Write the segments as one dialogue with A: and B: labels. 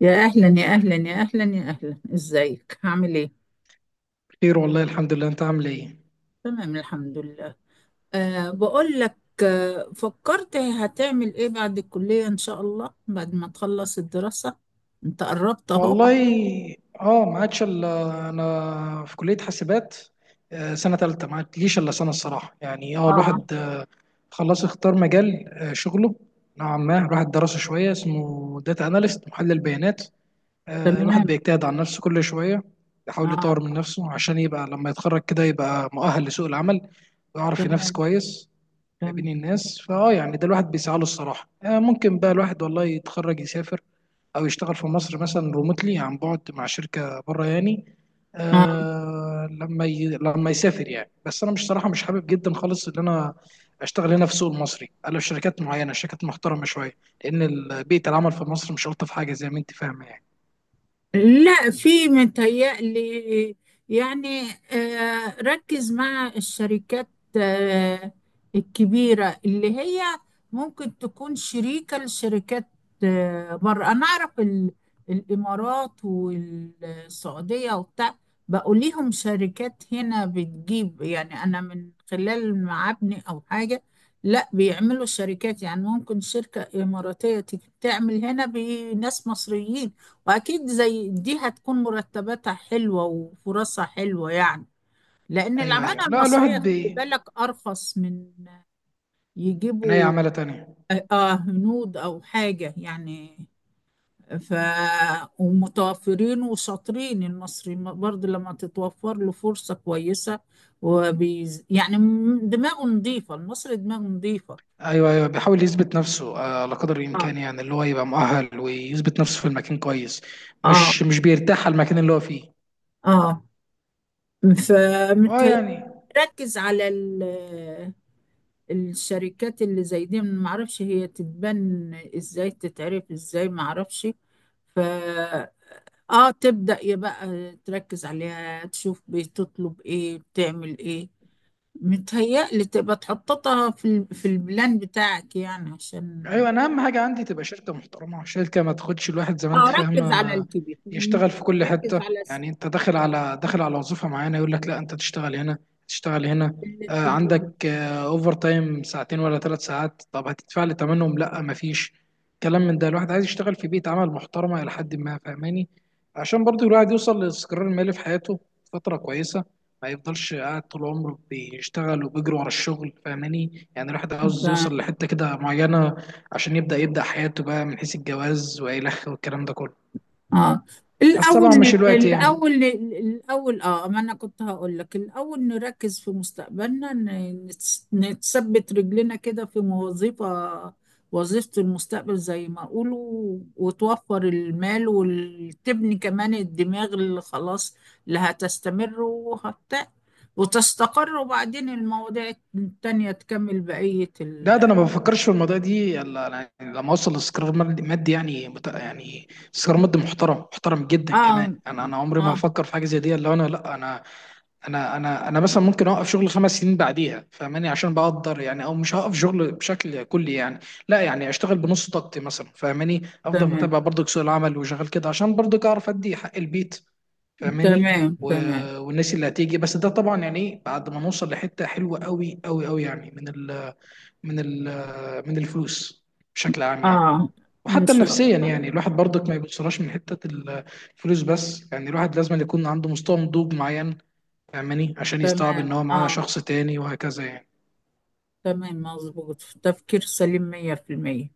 A: يا أهلا يا أهلا يا أهلا يا أهلا، إزيك عامل إيه؟
B: خير، والله الحمد لله. انت عامل ايه؟
A: تمام، الحمد لله. بقول لك. فكرت هتعمل إيه بعد الكلية إن شاء الله بعد ما تخلص الدراسة؟ أنت قربت أهو.
B: والله، اه ما عادش الا انا في كليه حاسبات. سنه ثالثه، ما عادليش الا سنه الصراحه يعني. اه
A: آه،
B: الواحد خلاص اختار مجال شغله نوعا ما الواحد درسه شويه، اسمه داتا اناليست، محلل بيانات. الواحد
A: تمام.
B: بيجتهد على نفسه كل شويه، يحاول يطور من
A: آه،
B: نفسه عشان يبقى لما يتخرج كده يبقى مؤهل لسوق العمل ويعرف ينافس
A: تمام
B: كويس ما بين
A: تمام.
B: الناس. فاه يعني ده الواحد بيسعى له الصراحه. ممكن بقى الواحد والله يتخرج يسافر، او يشتغل في مصر مثلا ريموتلي، عن بعد، مع شركه بره يعني
A: آه،
B: لما يسافر يعني. بس انا مش، صراحه مش حابب جدا خالص ان انا اشتغل هنا في السوق المصري الا في شركات معينه، شركات محترمه شويه، لان بيئه العمل في مصر مش الطف حاجه زي ما انت فاهمه يعني.
A: لا، في متهيألي يعني، ركز مع الشركات آه، الكبيرة اللي هي ممكن تكون شريكة لشركات. بره أنا أعرف الإمارات والسعودية وبتاع، بقوا ليهم شركات هنا بتجيب، يعني أنا من خلال معابني أو حاجة. لا، بيعملوا شركات، يعني ممكن شركة إماراتية تيجي تعمل هنا بناس مصريين، واكيد زي دي هتكون مرتباتها حلوة وفرصها حلوة يعني، لان
B: ايوه، ايوه،
A: العمالة
B: لا
A: المصرية
B: الواحد
A: خلي بالك ارخص من
B: عينيا
A: يجيبوا.
B: عماله تانيه.
A: هنود او حاجة يعني. ف ومتوفرين وشاطرين، المصري برضه لما تتوفر له فرصة كويسة يعني دماغه نظيفة، المصري دماغه نظيفة.
B: ايوه، ايوه، بيحاول يثبت نفسه على قدر
A: اه،
B: الامكان يعني، اللي هو يبقى مؤهل ويثبت نفسه في المكان كويس.
A: اه،
B: مش بيرتاح على المكان اللي هو فيه.
A: اه،
B: اه
A: فمتهيألي
B: يعني.
A: يركز على الشركات اللي زي دي. ما اعرفش هي تتبن ازاي، تتعرف ازاي، ما اعرفش. ف اه تبدأ يبقى تركز عليها، تشوف بتطلب ايه بتعمل ايه. متهيألي تبقى تحططها في في البلان بتاعك يعني، عشان
B: ايوه، انا اهم حاجه عندي تبقى شركه محترمه، شركه ما تاخدش الواحد زي ما انت
A: اه ركز على
B: فاهمه
A: الكبير.
B: يشتغل في كل
A: ركز
B: حته. يعني انت داخل على وظيفه معينه، يقول لك لا انت تشتغل هنا، تشتغل هنا.
A: اللي اللي-
B: عندك اوفر تايم ساعتين ولا 3 ساعات، طب هتدفع لي ثمنهم؟ لا، ما فيش كلام من ده. الواحد عايز يشتغل في بيئه عمل محترمه الى حد ما، فاهماني؟ عشان برضو الواحد يوصل للاستقرار المالي في حياته فتره كويسه، ما يفضلش قاعد طول عمره بيشتغل وبيجري ورا الشغل، فاهماني يعني. الواحد عاوز يوصل لحته كده معينه عشان يبدأ حياته بقى، من حيث الجواز والخ والكلام ده كله،
A: اه
B: بس
A: الاول
B: طبعا مش الوقت يعني.
A: الاول الاول، ما انا كنت هقول لك الاول نركز في مستقبلنا، نتثبت رجلنا كده في وظيفة، وظيفة المستقبل زي ما اقولوا، وتوفر المال، وتبني كمان الدماغ اللي خلاص اللي هتستمر وتستقر، وبعدين المواضيع التانية تكمل بقية
B: لا، ده انا ما بفكرش في الموضوع دي الا أنا لما اوصل لاستقرار مادي يعني، يعني استقرار مادي محترم، محترم جدا كمان.
A: اه،
B: انا عمري ما
A: اه،
B: هفكر في حاجه زي دي الا انا. لا انا انا انا انا مثلا ممكن اوقف شغل 5 سنين بعديها، فاهماني، عشان بقدر يعني. او مش هوقف شغل بشكل كلي يعني، لا يعني اشتغل بنص طاقتي مثلا، فاهماني. افضل
A: تمام
B: متابع برضك سوق العمل وشغال كده عشان برضك اعرف ادي حق البيت فاهماني
A: تمام تمام،
B: والناس اللي هتيجي. بس ده طبعا يعني ايه بعد ما نوصل لحته حلوه قوي قوي قوي يعني، من ال... من الفلوس بشكل عام يعني.
A: اه، ان
B: وحتى
A: شاء
B: نفسيا
A: الله.
B: يعني الواحد برضك ما يبصلهاش من حته الفلوس بس يعني، الواحد لازم يكون عنده مستوى نضوج معين فاهماني عشان يستوعب
A: تمام،
B: ان هو معاه شخص تاني وهكذا يعني.
A: تمام، مظبوط، تفكير سليم مية في المية،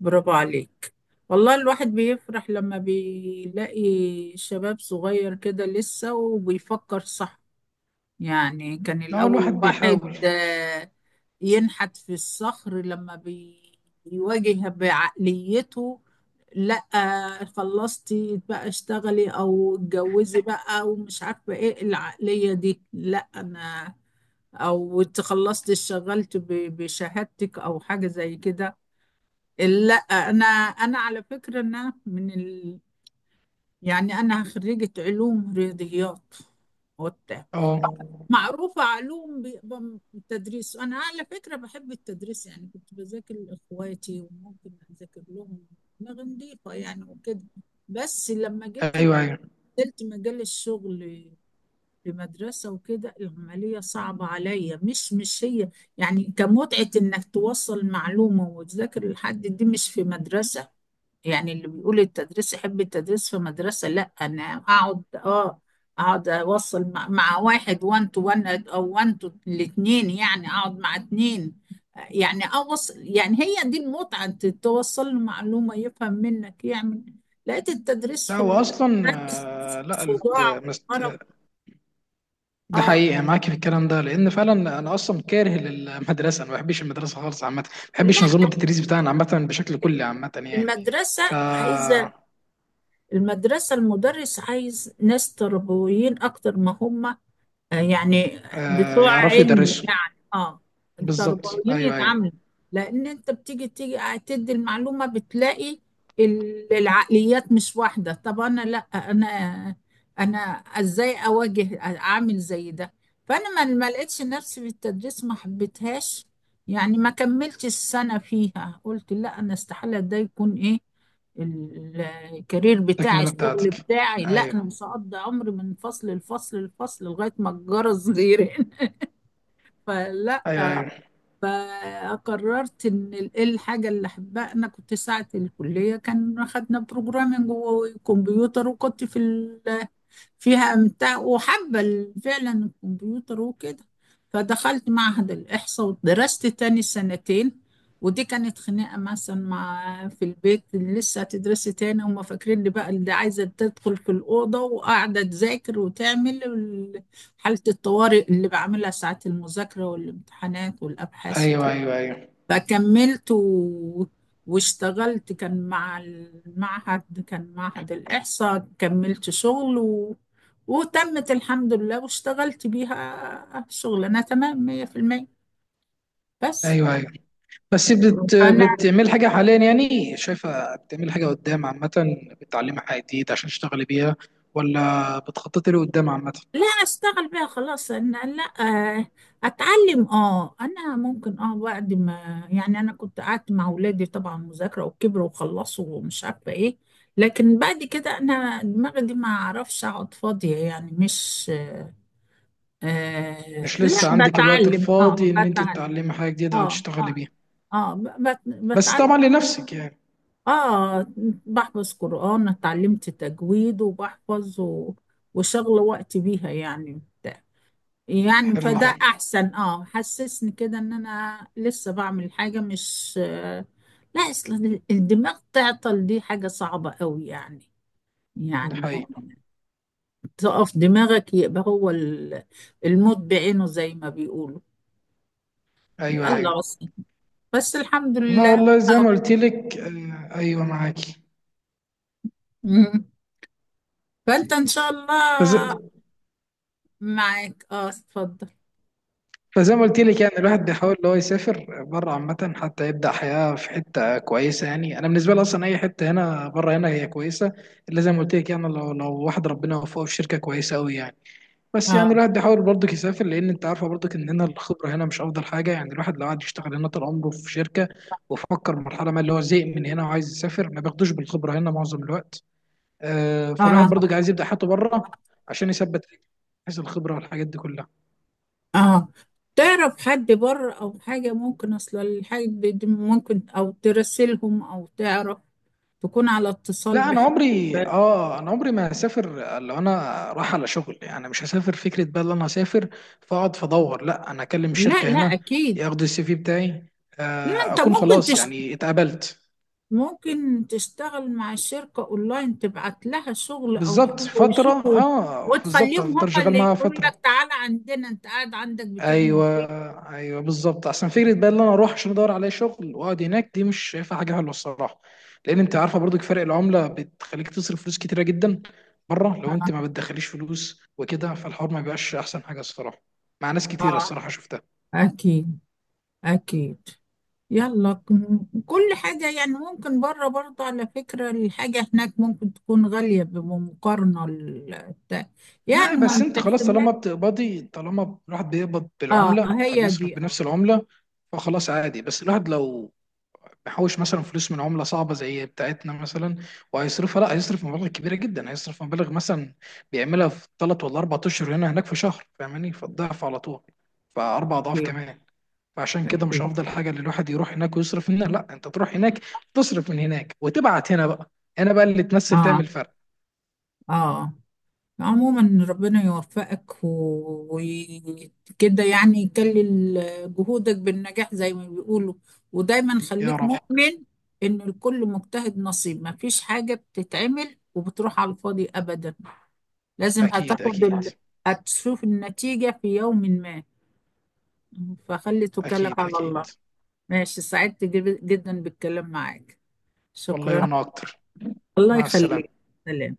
A: برافو عليك. والله الواحد بيفرح لما بيلاقي شباب صغير كده لسه وبيفكر صح. يعني كان
B: لا هو
A: الأول
B: الواحد
A: الواحد
B: بيحاول.
A: ينحت في الصخر لما بيواجه بعقليته. لا، خلصتي بقى اشتغلي او اتجوزي بقى، ومش عارفة ايه العقلية دي، لا انا، او اتخلصت اشتغلت بشهادتك او حاجه زي كده. لا انا، انا على فكره ان انا يعني انا خريجه علوم رياضيات وبتاع،
B: اه،
A: معروفه علوم بيبقى التدريس. انا على فكره بحب التدريس يعني، كنت بذاكر لاخواتي وممكن اذاكر لهم دماغ نضيفه يعني وكده. بس لما جيت
B: ايوه، ايوه.
A: نزلت مجال الشغل في مدرسة وكده، العملية صعبة عليا، مش هي يعني كمتعة انك توصل معلومة وتذاكر لحد، دي مش في مدرسة. يعني اللي بيقول التدريس، يحب التدريس في مدرسة. لا انا اقعد اقعد اوصل مع واحد، وان تو وان او وان تو، الاتنين، يعني اقعد مع اتنين، يعني اوصل، يعني هي دي المتعة، انت توصل له معلومة يفهم منك يعمل. لقيت التدريس
B: لا
A: في
B: هو اصلا لا
A: صداع، وارق.
B: ده
A: اه،
B: حقيقة معاك في الكلام ده، لأن فعلا أنا أصلا كاره للمدرسة. أنا ما بحبش المدرسة خالص عامة، ما بحبش
A: لا،
B: نظام التدريس بتاعنا عامة بشكل كلي عامة يعني. ف
A: المدرسة عايزة المدرس عايز ناس تربويين أكتر ما هم يعني بتوع
B: يعرفوا
A: علم
B: يدرسوا.
A: يعني،
B: بالظبط،
A: التربويين
B: أيوه أيوه.
A: يتعاملوا. لأن أنت تيجي تدي المعلومة بتلاقي العقليات مش واحدة. طب أنا لأ، أنا أنا إزاي أواجه، أعمل زي ده؟ فأنا ما لقيتش نفسي في التدريس، ما حبيتهاش يعني، ما كملتش السنة فيها، قلت لأ، أنا استحالة ده يكون إيه ال- الكارير بتاعي،
B: تكملة
A: الشغل
B: بتاعتك.
A: بتاعي. لا
B: أيوه
A: انا مش هقضي عمري من فصل لفصل لفصل لغايه ما الجرس يرن فلا.
B: أيوه أيوه
A: فقررت ان إيه الحاجه اللي احبها. انا كنت ساعه الكليه، كان خدنا بروجرامنج وكمبيوتر، وكنت فيها أمتع وحابة فعلا الكمبيوتر وكده. فدخلت معهد الإحصاء ودرست تاني سنتين، ودي كانت خناقة مثلا مع في البيت، لسه هتدرسي تاني، هما فاكرين لي بقى اللي عايزة تدخل في الأوضة وقاعدة تذاكر وتعمل حالة الطوارئ اللي بعملها ساعات المذاكرة والامتحانات والأبحاث.
B: أيوه أيوه أيوه
A: فكملت واشتغلت، كان مع المعهد، كان معهد الإحصاء، كملت شغل وتمت الحمد لله، واشتغلت بيها شغلانة تمام مية في المية. بس،
B: أيوه أيوه. بس
A: فأنا
B: بتعمل حاجة حاليا يعني؟ شايفة بتعمل حاجة قدام عامة، بتعلمي حاجة جديدة عشان تشتغلي بيها، ولا بتخططي لقدام عامة؟
A: لا، أشتغل بيها خلاص أنا، لا. آه، أتعلم، أنا ممكن، بعد ما، يعني أنا كنت قعدت مع أولادي طبعا مذاكرة، وكبروا وخلصوا ومش عارفة إيه، لكن بعد كده أنا دماغي دي ما أعرفش أقعد فاضية يعني، مش
B: مش
A: لا.
B: لسه عندك الوقت الفاضي إن أنت
A: بتعلم،
B: تتعلمي حاجة جديدة أو
A: اه،
B: تشتغلي
A: اه،
B: بيها؟
A: اه،
B: بس
A: بتعلم،
B: طبعا لنفسك يعني.
A: اه، بحفظ قرآن، اتعلمت تجويد وبحفظ وشغل وقت بيها يعني بتاع. يعني
B: حلو ده.
A: فده احسن، اه، حسسني كده ان انا لسه بعمل حاجة، مش لا. اصلا الدماغ تعطل دي حاجة صعبة قوي يعني،
B: ده
A: يعني
B: حقيقي.
A: تقف دماغك، يبقى هو الموت بعينه زي ما بيقولوا.
B: ايوه
A: يلا،
B: ايوه.
A: بس، بس الحمد
B: لا
A: لله.
B: والله، زي
A: أهو.
B: ما قلت لك ايوه، معاكي.
A: مم. فانت ان شاء
B: فز...
A: الله معاك، اتفضل.
B: فزي ما قلت لك، يعني الواحد بيحاول ان هو يسافر بره عامه، حتى يبدا حياه في حته كويسه يعني. انا بالنسبه لي اصلا اي حته هنا بره هنا هي كويسه، الا زي ما قلت لك يعني، لو واحد ربنا وفقه في شركه كويسه قوي يعني. بس يعني
A: اه،
B: الواحد بيحاول برضك يسافر، لان انت عارفه برضك ان هنا الخبره هنا مش افضل حاجه يعني. الواحد لو قعد يشتغل هنا طول عمره في شركه وفكر مرحله ما اللي هو زهق من هنا وعايز يسافر، ما بياخدوش بالخبره هنا معظم الوقت. فالواحد برضك
A: اه،
B: عايز يبدا حياته بره، عشان يثبت رجله حيث الخبره والحاجات دي كلها.
A: اه، تعرف حد بره او حاجة، ممكن اصل الحاجة دي ممكن، او ترسلهم، او تعرف تكون على اتصال
B: لا انا
A: بحد
B: عمري،
A: ب-
B: انا عمري ما هسافر لو انا رايح على شغل. يعني مش هسافر فكره بقى ان انا هسافر فاقعد فادور. لا، انا اكلم
A: لا،
B: الشركه
A: لا،
B: هنا
A: اكيد.
B: ياخدوا السي في بتاعي،
A: لا انت
B: اكون خلاص يعني اتقبلت.
A: ممكن تشتغل مع الشركة اونلاين، تبعت لها شغل او
B: بالظبط
A: حاجة
B: فترة،
A: ويشوفوا،
B: اه بالظبط،
A: وتخليهم هم
B: افضل شغال
A: اللي
B: معاها
A: يقولوا لك
B: فترة.
A: تعالى عندنا، انت قاعد عندك بتعمل
B: ايوه
A: ايه؟
B: ايوه بالظبط. احسن فكرة بقى ان انا اروح عشان ادور على شغل واقعد هناك، دي مش شايفها حاجة حلوة الصراحة، لان انت عارفة برضو فرق العملة بتخليك تصرف فلوس كتيرة جدا بره. لو انت ما بتدخليش فلوس وكده، فالحوار ما بيبقاش احسن حاجة الصراحة، مع ناس كتيرة
A: اه،
B: الصراحة شفتها.
A: أكيد أكيد. يلا، كل حاجة يعني ممكن بره برضه، على فكرة الحاجة هناك ممكن تكون غالية بمقارنة يعني
B: لا
A: ما
B: بس انت خلاص،
A: بتحسبها.
B: طالما بتقبضي، طالما الواحد بيقبض
A: اه
B: بالعملة
A: هي
B: فبيصرف
A: دي،
B: بنفس العملة، فخلاص عادي. بس الواحد لو محوش مثلا فلوس من عملة صعبة زي بتاعتنا مثلا وهيصرفها، لا هيصرف مبالغ كبيرة جدا. هيصرف مبالغ مثلا بيعملها في 3 ولا 4 أشهر هنا، هناك في شهر، فاهماني، فالضعف على طول. ف4 أضعاف
A: أكيد
B: كمان. فعشان كده مش
A: أكيد،
B: أفضل حاجة إن الواحد يروح هناك ويصرف هنا. لا، أنت تروح هناك، تصرف من هناك وتبعت هنا بقى. هنا بقى اللي تمثل
A: اه،
B: تعمل فرق.
A: اه. عموما ربنا يوفقك وكده، يعني يكلل جهودك بالنجاح زي ما بيقولوا، ودايما
B: يا
A: خليك
B: رب.
A: مؤمن إن الكل مجتهد نصيب، ما فيش حاجة بتتعمل وبتروح على الفاضي أبدا، لازم
B: أكيد،
A: هتاخد
B: أكيد.
A: هتشوف النتيجة في يوم ما، فخلي توكلك
B: أكيد،
A: على
B: أكيد.
A: الله. ماشي، سعدت جدا بالكلام معاك،
B: والله،
A: شكرا.
B: وأنا أكتر.
A: الله
B: مع
A: يخليك،
B: السلامة.
A: سلام.